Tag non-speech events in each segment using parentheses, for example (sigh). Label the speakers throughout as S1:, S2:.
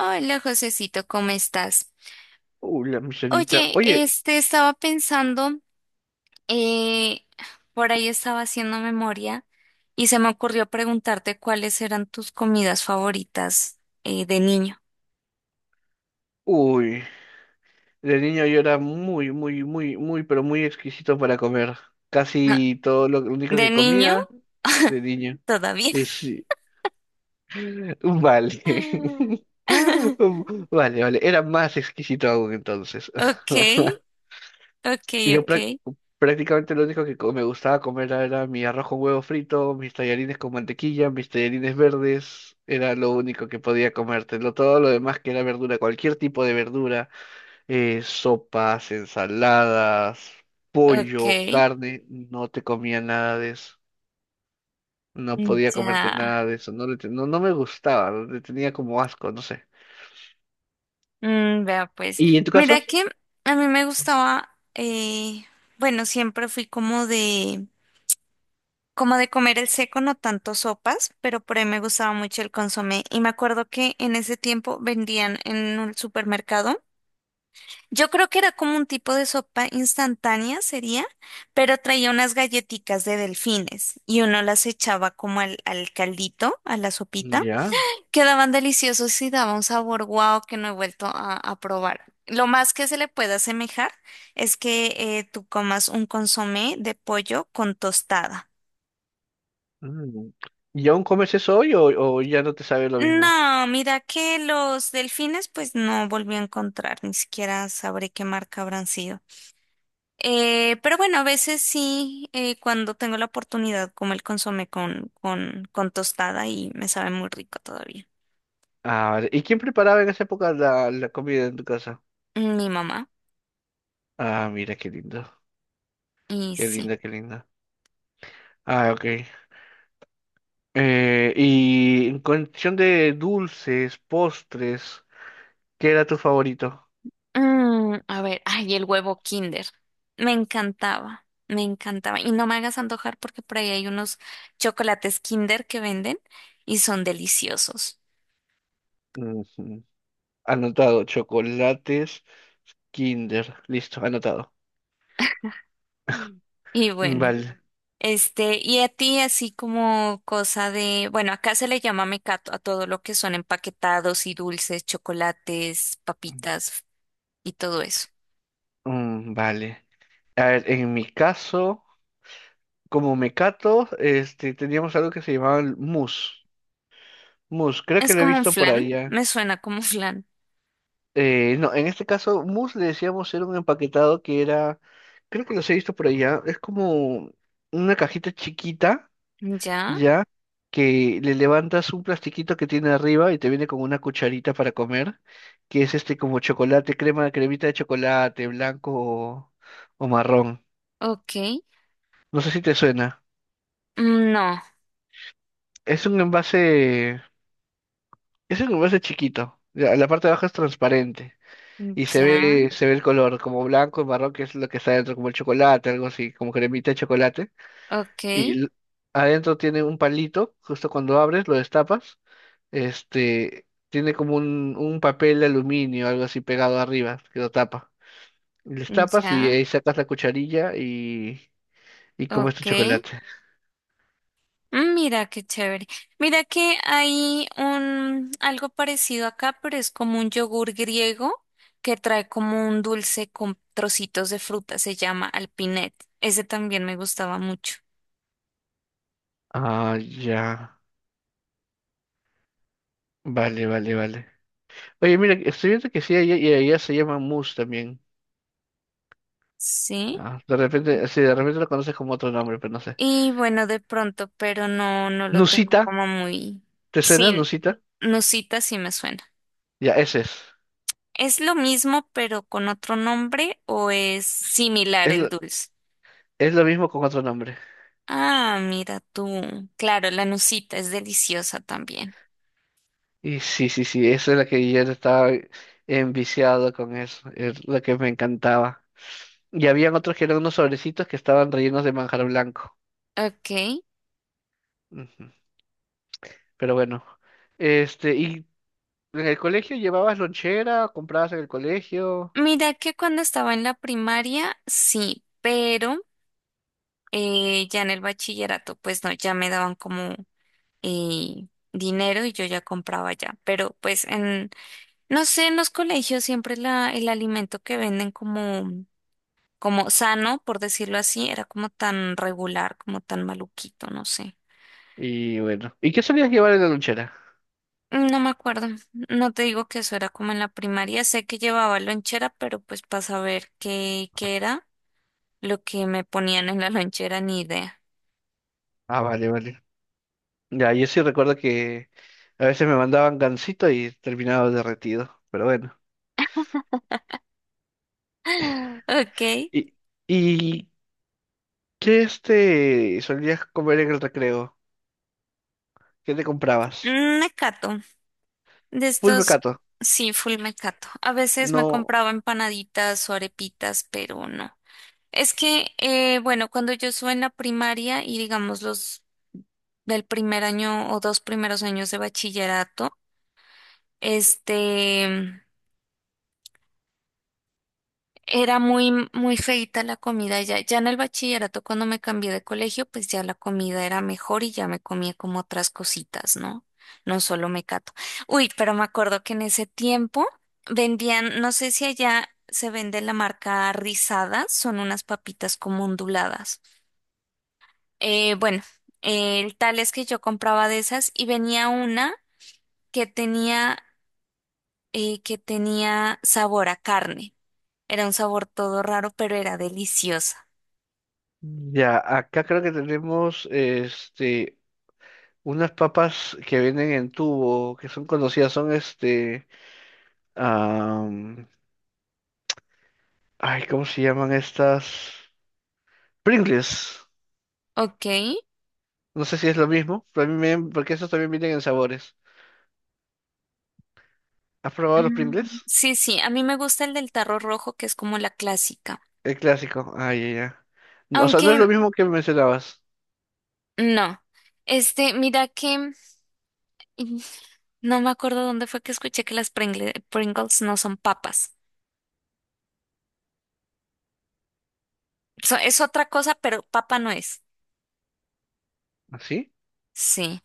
S1: Hola, Josecito, ¿cómo estás?
S2: Uy, la miserita.
S1: Oye,
S2: Oye,
S1: estaba pensando, eh, por ahí estaba haciendo memoria y se me ocurrió preguntarte cuáles eran tus comidas favoritas de niño.
S2: uy, de niño yo era muy, muy, muy, muy, pero muy exquisito para comer.
S1: Ah,
S2: Casi todo lo único
S1: ¿de
S2: que
S1: niño?
S2: comía de niño.
S1: Todavía.
S2: Y sí, (laughs) vale. (laughs)
S1: (laughs)
S2: Vale, vale. Era más exquisito aún entonces.
S1: Ok,
S2: (laughs)
S1: ok,
S2: Y yo
S1: ok,
S2: prácticamente lo único que me gustaba comer era mi arroz con huevo frito, mis tallarines con mantequilla, mis tallarines verdes. Era lo único que podía comértelo. Todo lo demás que era verdura, cualquier tipo de verdura, sopas, ensaladas,
S1: ok.
S2: pollo, carne, no te comía nada de eso. No
S1: Mm.
S2: podía comerte
S1: Ya.
S2: nada de eso, no, no, no me gustaba, le tenía como asco, no sé.
S1: Mm, vea pues.
S2: ¿Y en tu
S1: Mira
S2: caso?
S1: que a mí me gustaba, bueno, siempre fui como de comer el seco, no tanto sopas, pero por ahí me gustaba mucho el consomé. Y me acuerdo que en ese tiempo vendían en un supermercado. Yo creo que era como un tipo de sopa instantánea, sería, pero traía unas galletitas de delfines y uno las echaba como al caldito, a la sopita.
S2: Ya.
S1: Quedaban deliciosos y daba un sabor guau que no he vuelto a probar. Lo más que se le puede asemejar es que tú comas un consomé de pollo con tostada.
S2: Mm. ¿Y aún comes eso hoy o ya no te sabe lo mismo?
S1: No, mira que los delfines pues no volví a encontrar, ni siquiera sabré qué marca habrán sido. Pero bueno, a veces sí, cuando tengo la oportunidad, como el consomé con tostada y me sabe muy rico todavía.
S2: Ah, vale. ¿Y quién preparaba en esa época la, la comida en tu casa?
S1: Mi mamá,
S2: Ah, mira, qué lindo,
S1: y
S2: qué
S1: sí.
S2: lindo, qué lindo. Ah, ok. Y en cuestión de dulces, postres, ¿qué era tu favorito?
S1: Mm, a ver, ay, el huevo Kinder. Me encantaba, me encantaba. Y no me hagas antojar porque por ahí hay unos chocolates Kinder que venden y son deliciosos.
S2: Ujú. Anotado, chocolates, Kinder. Listo, anotado.
S1: Mm. Y
S2: Mm,
S1: bueno.
S2: vale.
S1: Y a ti así como cosa de, bueno, acá se le llama mecato a todo lo que son empaquetados y dulces, chocolates, papitas y todo eso.
S2: Mm, vale. A ver, en mi caso, como mecato, este, teníamos algo que se llamaba el mousse. Mousse, creo que
S1: Es
S2: lo he
S1: como un
S2: visto por
S1: flan, me
S2: allá.
S1: suena como flan.
S2: No, en este caso, mousse le decíamos era un empaquetado que era, creo que los he visto por allá, es como una cajita chiquita,
S1: Ya,
S2: ya, que le levantas un plastiquito que tiene arriba y te viene con una cucharita para comer, que es este como chocolate, crema, cremita de chocolate, blanco o marrón.
S1: ok.
S2: No sé si te suena.
S1: Mm. No,
S2: Es un envase, es un envase chiquito. Ya. La parte de abajo es transparente y
S1: ya,
S2: se ve el color como blanco y marrón, que es lo que está dentro, como el chocolate, algo así, como cremita de chocolate.
S1: ok,
S2: Y adentro tiene un palito, justo cuando abres, lo destapas, este, tiene como un papel de aluminio, algo así pegado arriba, que lo tapa. Les tapas y
S1: ya,
S2: ahí sacas la cucharilla y comes tu
S1: ok.
S2: chocolate.
S1: Mm. Mira qué chévere. Mira que hay un algo parecido acá, pero es como un yogur griego que trae como un dulce con trocitos de fruta, se llama alpinet. Ese también me gustaba mucho.
S2: Ah, ya. Vale, vale, vale. Oye, mira, estoy viendo que sí, allá, y allá se llama mousse también.
S1: Sí.
S2: Ah, de repente, sí, de repente lo conoces como otro nombre, pero no sé.
S1: Y bueno, de pronto, pero no lo tengo
S2: Nusita,
S1: como muy
S2: ¿te suena,
S1: sin.
S2: Nusita?
S1: Nusita sí me suena.
S2: Ya, ese es.
S1: ¿Es lo mismo pero con otro nombre o es similar
S2: Es,
S1: el
S2: lo-
S1: dulce?
S2: es lo mismo con otro nombre.
S1: Ah, mira tú. Claro, la nusita es deliciosa también.
S2: Y sí, sí, sí, esa es la que yo estaba enviciado con eso, es lo que me encantaba. Y habían otros que eran unos sobrecitos que estaban rellenos de manjar blanco.
S1: Ok.
S2: Ujú. Pero bueno, este, y en el colegio llevabas lonchera, comprabas en el colegio,
S1: Mira que cuando estaba en la primaria, sí, pero ya en el bachillerato, pues no, ya me daban como dinero y yo ya compraba ya. Pero pues en, no sé, en los colegios siempre el alimento que venden como, como sano, por decirlo así, era como tan regular, como tan maluquito, no sé.
S2: y bueno. ¿Y qué solías llevar en la lonchera?
S1: No me acuerdo. No te digo que eso era como en la primaria. Sé que llevaba lonchera, pero pues para saber qué era. Lo que me ponían en la lonchera, ni idea.
S2: Ah, vale, vale. Ya, yo sí recuerdo que a veces me mandaban gansito y terminaba derretido, pero bueno.
S1: (gasps) Ok.
S2: ¿Y, y qué este solías comer en el recreo? ¿Qué te comprabas?
S1: Mm. Mecato. De
S2: Full
S1: estos,
S2: mecato.
S1: sí, full mecato. A veces me
S2: No,
S1: compraba empanaditas o arepitas, pero no. Es que, bueno, cuando yo estuve en la primaria y digamos los del primer año o dos primeros años de bachillerato, este. Era muy feita la comida ya. Ya en el bachillerato, cuando me cambié de colegio, pues ya la comida era mejor y ya me comía como otras cositas, ¿no? No solo mecato. Uy, pero me acuerdo que en ese tiempo vendían, no sé si allá se vende la marca Rizadas, son unas papitas como onduladas. Eh, bueno, el tal es que yo compraba de esas y venía una que tenía, que tenía sabor a carne. Era un sabor todo raro, pero era deliciosa.
S2: ya, acá creo que tenemos este unas papas que vienen en tubo, que son conocidas, son este, am, ay, ¿cómo se llaman estas? Pringles.
S1: Ok.
S2: No sé si es lo mismo, pero a mí me- porque esos también vienen en sabores. ¿Has probado los
S1: Mm.
S2: Pringles?
S1: Sí, sí, a mí me gusta el del tarro rojo, que es como la clásica.
S2: El clásico. Ay, ya, ya. No, o sea, no es lo
S1: Aunque
S2: mismo que mencionabas.
S1: no. Mira que mm, no me acuerdo dónde fue que escuché que las Pringles no son papas. Es otra cosa, pero papa no es.
S2: ¿Así?
S1: Sí.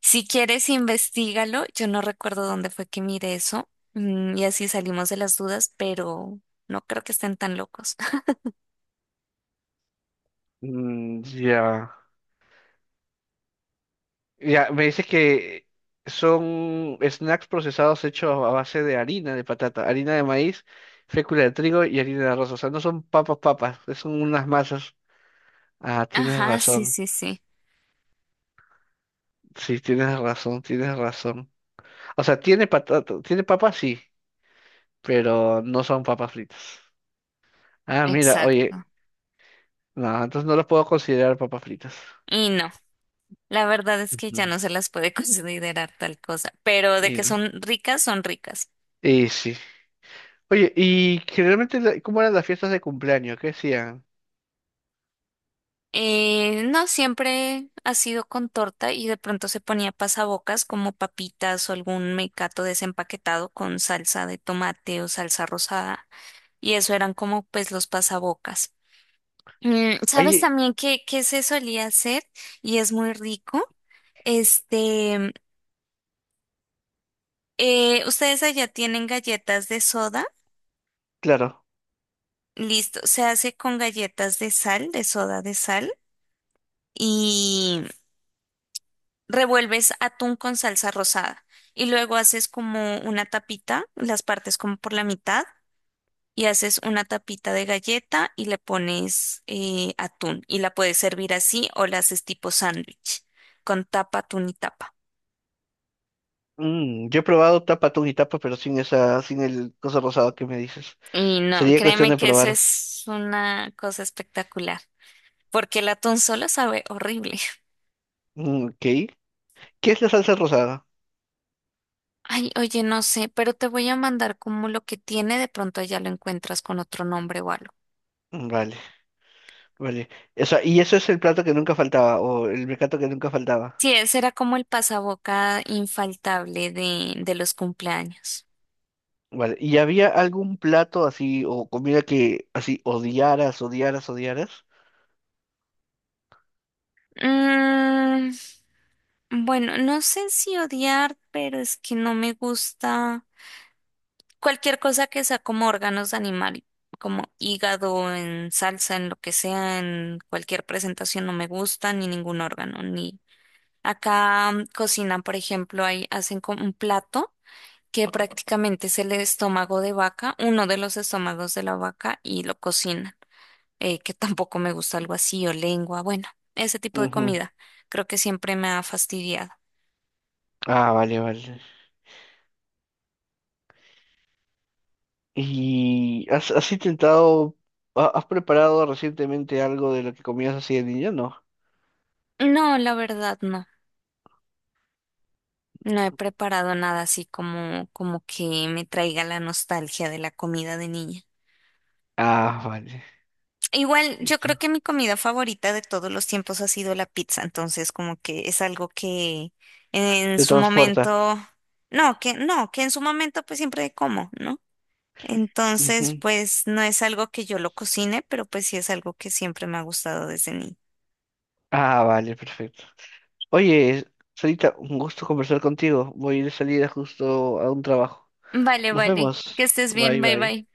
S1: Si quieres, investigalo. Yo no recuerdo dónde fue que miré eso. Mm. Y así salimos de las dudas, pero no creo que estén tan locos. (laughs)
S2: Mm, ya. Ya, me dices que son snacks procesados hechos a base de harina de patata, harina de maíz, fécula de trigo y harina de arroz. O sea, no son papas, papas, son unas masas. Ah, tienes
S1: Ajá, sí,
S2: razón.
S1: sí, sí.
S2: Sí, tienes razón, tienes razón. O sea, tiene patata, tiene papas, sí, pero no son papas fritas. Ah, mira, oye,
S1: Exacto.
S2: no, entonces no los puedo considerar papas fritas.
S1: Y no. La verdad es que ya
S2: Ujú.
S1: no se las puede (laughs) considerar tal cosa, pero de
S2: Y
S1: que
S2: no.
S1: son ricas, son ricas.
S2: Y sí. Oye, y generalmente, ¿cómo eran las fiestas de cumpleaños? ¿Qué hacían?
S1: No, siempre ha sido con torta y de pronto se ponía pasabocas como papitas o algún mecato desempaquetado con salsa de tomate o salsa rosada y eso eran como pues los pasabocas. Mm, ¿sabes
S2: Ahí,
S1: también qué se solía hacer y es muy rico? Este, ¿Ustedes allá tienen galletas de soda?
S2: claro.
S1: Listo, se hace con galletas de sal, de soda de sal, y revuelves atún con salsa rosada. Y luego haces como una tapita, las partes como por la mitad, y haces una tapita de galleta y le pones atún. Y la puedes servir así o la haces tipo sándwich, con tapa, atún y tapa.
S2: Mm, yo he probado tapa atún y tapa, pero sin esa, sin el cosa rosada que me dices.
S1: Y no,
S2: Sería cuestión
S1: créeme
S2: de
S1: que eso
S2: probar.
S1: es una cosa espectacular, porque el atún solo sabe horrible.
S2: Mm, ok. ¿Qué es la salsa rosada?
S1: Ay, oye, no sé, pero te voy a mandar como lo que tiene, de pronto ya lo encuentras con otro nombre o algo.
S2: Mm, vale, vale. O sea, y eso es el plato que nunca faltaba, o el mecato que nunca faltaba.
S1: Sí, ese era como el pasaboca infaltable de los cumpleaños.
S2: Vale. ¿Y había algún plato así, o comida que así odiaras, odiaras, odiaras?
S1: Mm, bueno, no sé si odiar, pero es que no me gusta cualquier cosa que sea como órganos de animal, como hígado, en salsa, en lo que sea, en cualquier presentación no me gusta, ni ningún órgano, ni acá mm, cocinan, por ejemplo, ahí hacen como un plato, que prácticamente es el estómago de vaca, uno de los estómagos de la vaca y lo cocinan, que tampoco me gusta algo así o lengua, bueno, ese tipo de
S2: Ujú.
S1: comida creo que siempre me ha fastidiado.
S2: Ah, vale, vale. ¿Y has, has intentado, has preparado recientemente algo de lo que comías así de niño? No.
S1: No, la verdad no, no he preparado nada así como, como que me traiga la nostalgia de la comida de niña.
S2: Ah, vale.
S1: Igual, yo creo
S2: Listo.
S1: que mi comida favorita de todos los tiempos ha sido la pizza, entonces como que es algo que en
S2: Te
S1: su
S2: transporta.
S1: momento, no, que no, que en su momento pues siempre como, ¿no? Entonces,
S2: Ujú.
S1: pues no es algo que yo lo cocine, pero pues sí es algo que siempre me ha gustado desde niña.
S2: Ah, vale, perfecto. Oye, solita un gusto conversar contigo. Voy de salida justo a un trabajo.
S1: Vale,
S2: Nos
S1: vale.
S2: vemos.
S1: Que estés bien.
S2: Bye,
S1: Bye,
S2: bye.
S1: bye.